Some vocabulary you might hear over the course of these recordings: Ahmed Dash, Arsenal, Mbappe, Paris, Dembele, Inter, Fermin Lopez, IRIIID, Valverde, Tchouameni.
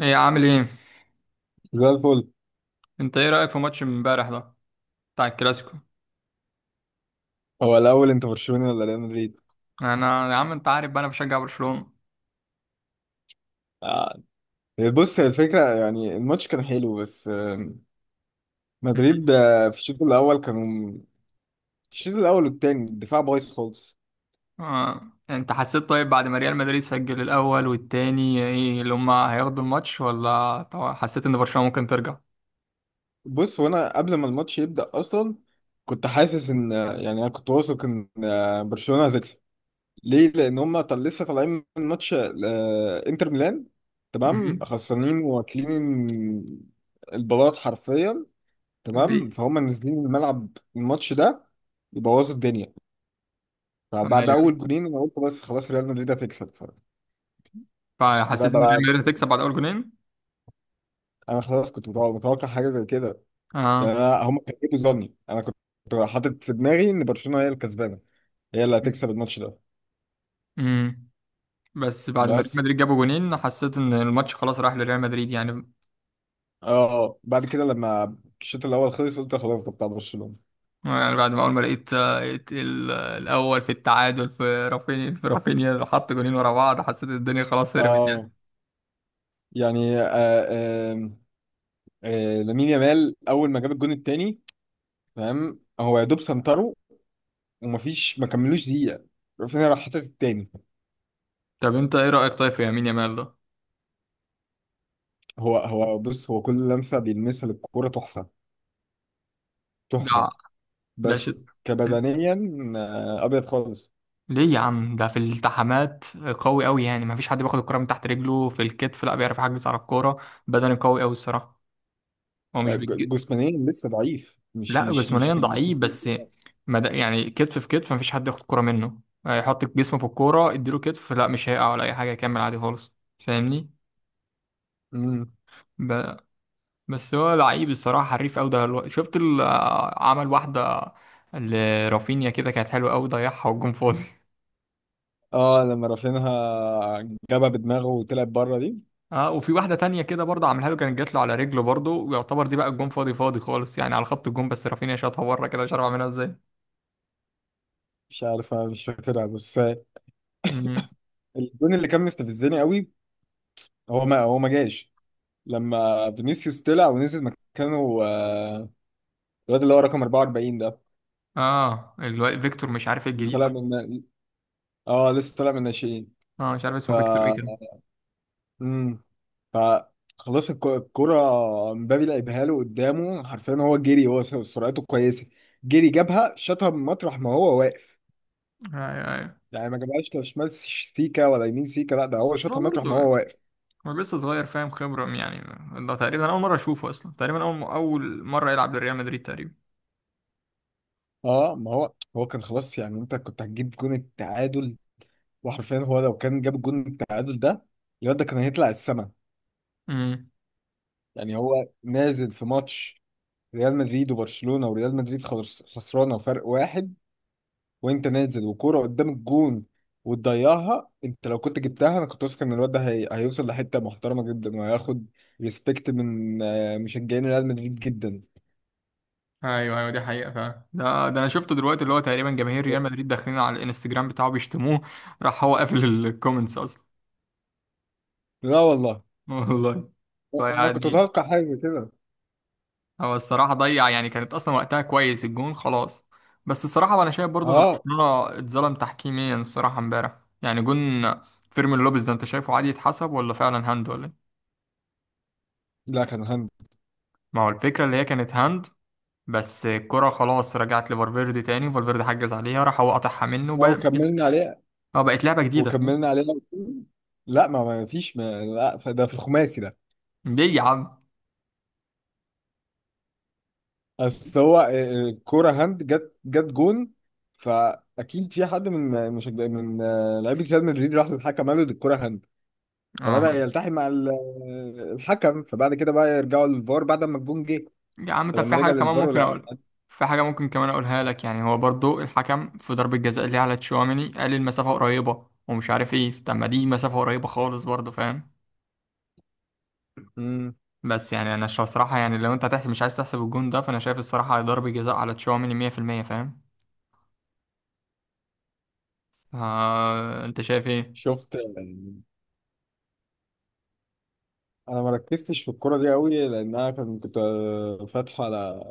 ايه عامل ايه؟ زي الفل. انت ايه رايك في ماتش امبارح ده بتاع الكلاسيكو؟ هو الاول انت برشلوني ولا ريال مدريد؟ انا يا عم انت عارف بقى، انا بشجع برشلونه. آه. بص، هي الفكره. يعني الماتش كان حلو بس مدريد في الشوط الاول كانوا. في الشوط الاول والتاني الدفاع بايظ خالص. آه. انت حسيت طيب بعد ما ريال مدريد سجل الاول والتاني ايه اللي هم هياخدوا الماتش، ولا طبعا حسيت ان برشلونه ممكن ترجع؟ بص، وانا قبل ما الماتش يبدا اصلا كنت حاسس ان يعني انا كنت واثق ان برشلونه هتكسب. ليه؟ لان هم لسه طالعين من ماتش انتر ميلان. تمام، مهم. خسرانين واكلين البلاط حرفيا. تمام، ليه؟ فهم نازلين الملعب الماتش ده يبوظوا الدنيا. فبعد ايوه. اول جولين انا قلت بس خلاص ريال مدريد هتكسب. فطلع فحسيت ان ريال بقى. مدريد هتكسب بعد اول جونين. انا خلاص كنت متوقع حاجه زي كده. يعني، اه. أنا هم كانوا بيجيبوا ظني. انا كنت حاطط في دماغي ان برشلونه هي الكسبانه، هي اللي هتكسب الماتش ده. امم. بس بعد ما ريال بس مدريد جابوا جونين حسيت ان الماتش خلاص راح لريال مدريد يعني. اه. آه. بعد كده لما الشوط الاول خلص قلت خلاص ده بتاع برشلونه. يعني بعد ما اول ما لقيت لقيت الاول في التعادل في رافينيا، حط جولين ورا بعض، حسيت الدنيا خلاص هربت اه، يعني. يعني آه لامين يامال اول ما جاب الجون التاني. فاهم؟ هو يا دوب سنتره، ومفيش ما كملوش دقيقة رافينيا راح حاطط التاني. طب انت ايه رايك طيب في يمين يامال ده؟ هو بص، هو كل لمسة بيلمسها للكورة تحفة ده تحفة. ده ش... بس كبدنيا، أبيض خالص. ليه يا عم؟ ده في الالتحامات قوي قوي، يعني ما فيش حد بياخد الكره من تحت رجله، في الكتف لا، بيعرف يحجز على الكوره. بدني قوي قوي الصراحه. هو مش بيجي. جسمانيا لسه ضعيف، مش لا مش مش جسمانيا الجسم. ضعيف بس. يعني كتف في كتف ما فيش حد ياخد كره منه، يحط جسمه في الكوره، اديله كتف لا مش هيقع ولا اي حاجه، يكمل عادي خالص. فاهمني. مم. ب... بس هو لعيب الصراحة، حريف أوي ده. شفت عمل واحدة لرافينيا كده كانت حلوة أوي، ضيعها والجون فاضي اه، لما رافينها جابها بدماغه وطلعت بره دي. اه، وفي واحدة تانية كده برضه عملها له، كانت جات له على رجله برضه، ويعتبر دي بقى الجون فاضي فاضي خالص، يعني على خط الجون، بس رافينيا شاطها بره كده، مش عارف اعملها ازاي. مش عارف، أنا مش فاكرها بس مم. الجون اللي كان مستفزني قوي هو ما جاش لما فينيسيوس طلع ونزل مكانه. الواد اللي هو رقم 44 ده، اه، فيكتور مش عارف، اللي الجديد طلع ده. من، اه، لسه طالع من الناشئين. اه مش عارف ف اسمه فيكتور ايه كده. امم ف خلاص الكرة مبابي لعبها له قدامه حرفيا. هو جري، هو سرعته كويسة. جري جابها، شاطها من مطرح ما هو واقف. ايوه، ايوه. يعني ما جابهاش لا شمال سيكا ولا يمين سيكا، لا ده هو شاطها هو مطرح ما برضه هو واقف. هو لسه صغير، فاهم، خبرة يعني. ده تقريبا أول مرة أشوفه أصلا، تقريبا أول مرة يلعب لريال مدريد تقريبا. اه، ما هو كان خلاص. يعني انت كنت هتجيب جون التعادل. وحرفيا، هو لو كان جاب جون التعادل ده، الواد ده كان هيطلع السما. مم. يعني هو نازل في ماتش ريال مدريد وبرشلونة، وريال مدريد خلاص خسرانة فرق واحد، وانت نازل وكوره قدام الجون وتضيعها! انت لو كنت جبتها انا كنت واثق ان الواد ده هيوصل لحته محترمه جدا، وهياخد ريسبكت من مشجعين ريال مدريد جدا. ايوه ايوه، دي حقيقة فعلا. ده انا شفته دلوقتي، اللي هو تقريبا جماهير ريال مدريد داخلين على الانستجرام بتاعه بيشتموه، راح هو قافل الكومنتس اصلا. لا والله. والله. انا كنت فيعني متوقع حاجه كده. هو الصراحة ضيع، يعني كانت اصلا وقتها كويس، الجون خلاص. بس الصراحة انا شايف برضو ان اه، برشلونة اتظلم تحكيميا الصراحة امبارح. يعني جون فيرمين لوبيز ده، انت شايفه عادي يتحسب، ولا فعلا هاند، ولا إيه؟ لا كان هاند. ما هو الفكرة اللي هي كانت هاند، بس الكرة خلاص رجعت لفالفيردي تاني، فالفيردي حجز عليها، راح هو قطعها منه، او وبقت. كملنا عليه، اه، بقت لعبة جديدة فاهم. وكملنا عليه. لا، ما فيش ما، لا ده في الخماسي ده. ليه يا عم؟ اصل هو الكوره هاند جت جون. فاكيد في حد من مشجع من لعيبه ريال مدريد راح للحكم قال له دي الكوره هاند، اه فبدأ يلتحم مع الحكم. فبعد كده بقى يرجعوا للفار بعد ما الجون جه. يا عم، طب فلما في رجع حاجة كمان للفار ممكن ولا أقولها. في حاجة ممكن كمان أقولها لك، يعني هو برضو الحكم في ضربة جزاء اللي على تشواميني، قال المسافة قريبة ومش عارف ايه. طب ما دي مسافة قريبة خالص برضو، فاهم؟ امم بس يعني أنا الصراحة، يعني لو أنت هتحسب مش عايز تحسب الجون ده، فأنا شايف الصراحة ضربة جزاء على تشواميني 100% فاهم. آه أنت شايف ايه؟ شفت. انا ما ركزتش في الكرة دي قوي لان انا كنت فاتحه على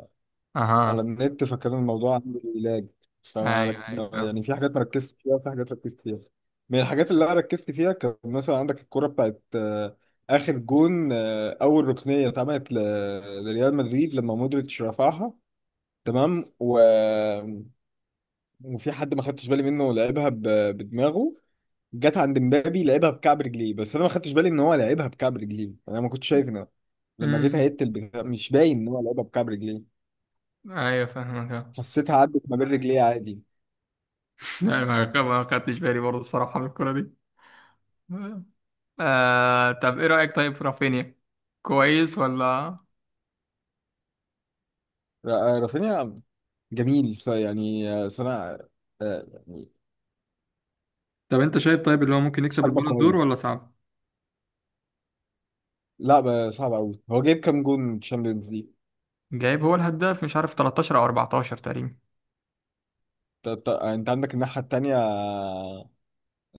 أها. النت، فكان الموضوع عندي لاج. فما رك... أيوه أيوه يعني فاهم. في حاجات ما ركزتش فيها وفي حاجات ركزت فيها. من الحاجات اللي انا ركزت فيها كان مثلا عندك الكرة بتاعت اخر جون. اول ركنية اتعملت لريال مدريد لما مودريتش رفعها. تمام. و وفي حد ما خدتش بالي منه لعبها بدماغه. جت عند مبابي لعبها بكعب رجليه، بس انا ما خدتش بالي ان هو لعبها بكعب رجليه. انا ما كنتش شايف ان لما جيت أمم. هيت البتاع مش باين ان هو لعبها بكعب رجليه. أيوه فاهمك أه. حسيتها عدت ما بين رجليه عادي. لا، ما خدتش بالي برضو الصراحة من الكورة دي. طب ايه رأيك طيب في رافينيا؟ كويس ولا؟ رافينيا جميل. يعني صنع، يعني طب انت شايف طيب اللي هو ممكن يكسب حربه البالون دور كويس. ولا صعب؟ لا، صعب قوي. هو جايب كام جون تشامبيونز ليج؟ جايب هو الهداف، مش عارف 13 او 14 تقريبا. يعني انت عندك الناحيه التانيه.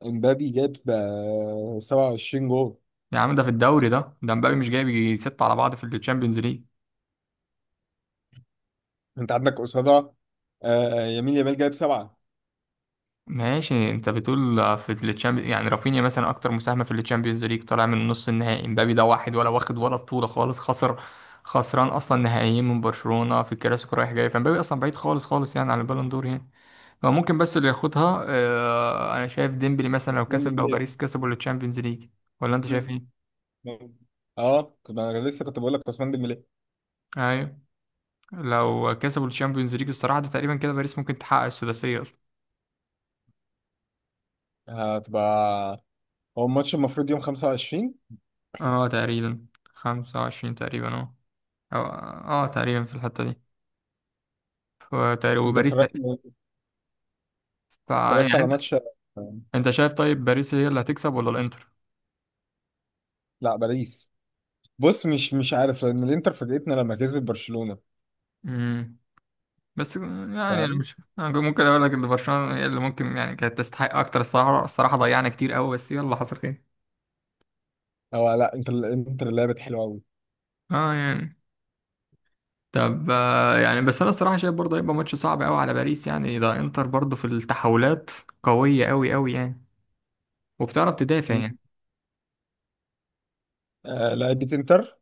امبابي جاب 27 جون. يا عم، ده في الدوري، ده مبابي مش جايب يجي ستة على بعض في التشامبيونز ليج. انت عندك قصادها يمين يامال جايب سبعه. ماشي، انت بتقول في التشامبيونز، يعني رافينيا مثلا اكتر مساهمة في التشامبيونز ليج، طالع من نص النهائي. مبابي ده واحد ولا واخد ولا بطولة خالص، خسر، خسران اصلا نهائيين من برشلونة في الكلاسيكو رايح جاي. فمبابي اصلا بعيد خالص خالص يعني عن البالون دور يعني. هو ممكن بس اللي ياخدها انا شايف ديمبلي مثلا، لو عثمان كسب او ديمبلي. باريس كسبوا التشامبيونز ليج. ولا انت مم. شايف ايه؟ اه، كنت انا لسه كنت بقول لك عثمان ديمبلي. ايوه. لو كسبوا التشامبيونز ليج الصراحه، ده تقريبا كده باريس ممكن تحقق السداسيه اصلا. هتبقى هو الماتش المفروض يوم 25. اه تقريبا. 25 تقريبا اه. تقريبا في الحته دي. فتقريبا انت وباريس اتفرجت اتفرجت يعني على انت، ماتش؟ انت شايف طيب باريس هي اللي هتكسب ولا الانتر؟ لا، باريس. بص، مش عارف لان الانتر فاجئتنا لما كسبت برشلونه. امم. بس يعني أنا فاهم؟ مش، أنا ممكن اقول لك ان برشلونه هي اللي ممكن، يعني كانت تستحق اكتر الصراحه. الصراحه ضيعنا كتير قوي، بس يلا حصل خير. او لا الانتر لعبت حلوه قوي. اه يعني. طب يعني بس انا الصراحه شايف برضه هيبقى ماتش صعب قوي على باريس، يعني ده انتر برضه في التحولات قويه قوي قوي يعني، وبتعرف تدافع يعني. آه، لعبت انتر.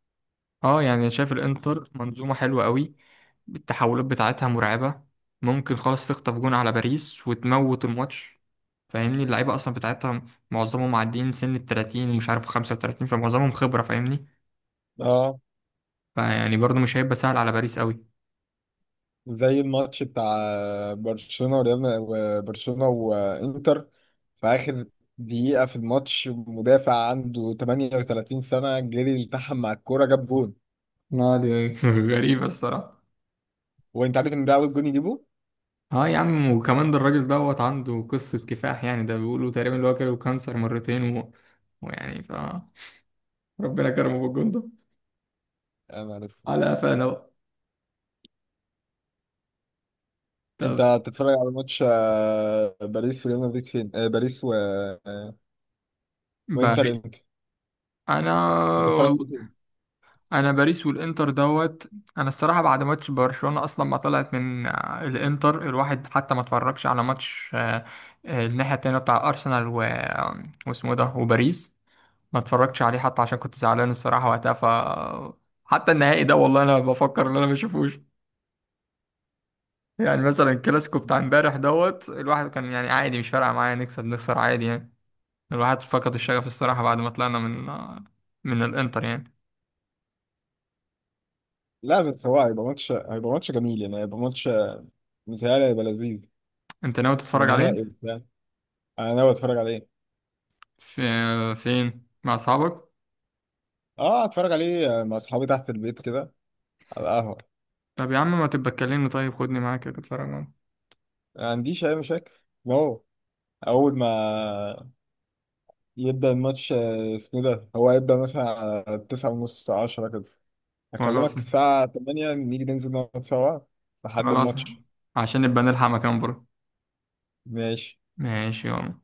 اه يعني شايف الانتر منظومه حلوه قوي، التحولات بتاعتها مرعبه، ممكن خالص تخطف جون على باريس وتموت الماتش. فاهمني اللعيبه اصلا بتاعتها معظمهم معديين سن ال 30 ومش عارف 35، فمعظمهم خبره فاهمني. اه، فيعني برضه مش هيبقى سهل على باريس قوي زي الماتش بتاع وبرشلونة وانتر، في آخر دقيقة في الماتش مدافع عنده 38 سنة جري التحم مع الكورة جاب جون. يعني. غريبه الصراحه. وانت عارف ان ده اول جون يجيبه؟ اه يا عم، وكمان ده الراجل دوت عنده قصة كفاح يعني، ده بيقولوا تقريبا اللي هو جاله كانسر مرتين ويعني ربنا كرمه بالجون ده انا ما عارف. على قفانا بقى. انت طب هتتفرج على ماتش باريس وريال مدريد فين؟ باريس و... آه، وانتر باري امتى؟ انا هتتفرج والله عليه فين؟ انا باريس والانتر دوت. انا الصراحة بعد ماتش برشلونة اصلا ما طلعت من الانتر، الواحد حتى ما اتفرجش على ماتش الناحية التانية بتاع ارسنال واسمه إيه ده، وباريس، ما اتفرجتش عليه حتى عشان كنت زعلان الصراحة وقتها. حتى النهائي ده والله انا بفكر ان انا ما اشوفوش. يعني مثلا الكلاسيكو بتاع امبارح دوت، الواحد كان يعني عادي، مش فارقة معايا نكسب نخسر عادي يعني. الواحد فقد الشغف الصراحة بعد ما طلعنا من من الانتر يعني. لا، بس هو هيبقى ماتش جميل. يعني هيبقى ماتش، متهيألي هيبقى لذيذ، انت ناوي تتفرج عليه ونهائي وبتاع. انا ناوي اتفرج عليه. في، فين مع اصحابك؟ اه، اتفرج عليه مع اصحابي تحت البيت كده على القهوة. طب يا عم ما تبقى تكلمني طيب، خدني معاك كده اتفرج معاك. ما عنديش أي مشاكل. واو. أول ما يبدأ الماتش اسمه إيه ده، هو هيبدأ مثلا على 9:30 10 كده. خلاص. هكلمك الساعة 8، نيجي ننزل نقعد سوا لحد خلاص. الماتش. عشان نبقى نلحق مكان بره. ماشي. ماشي يلا.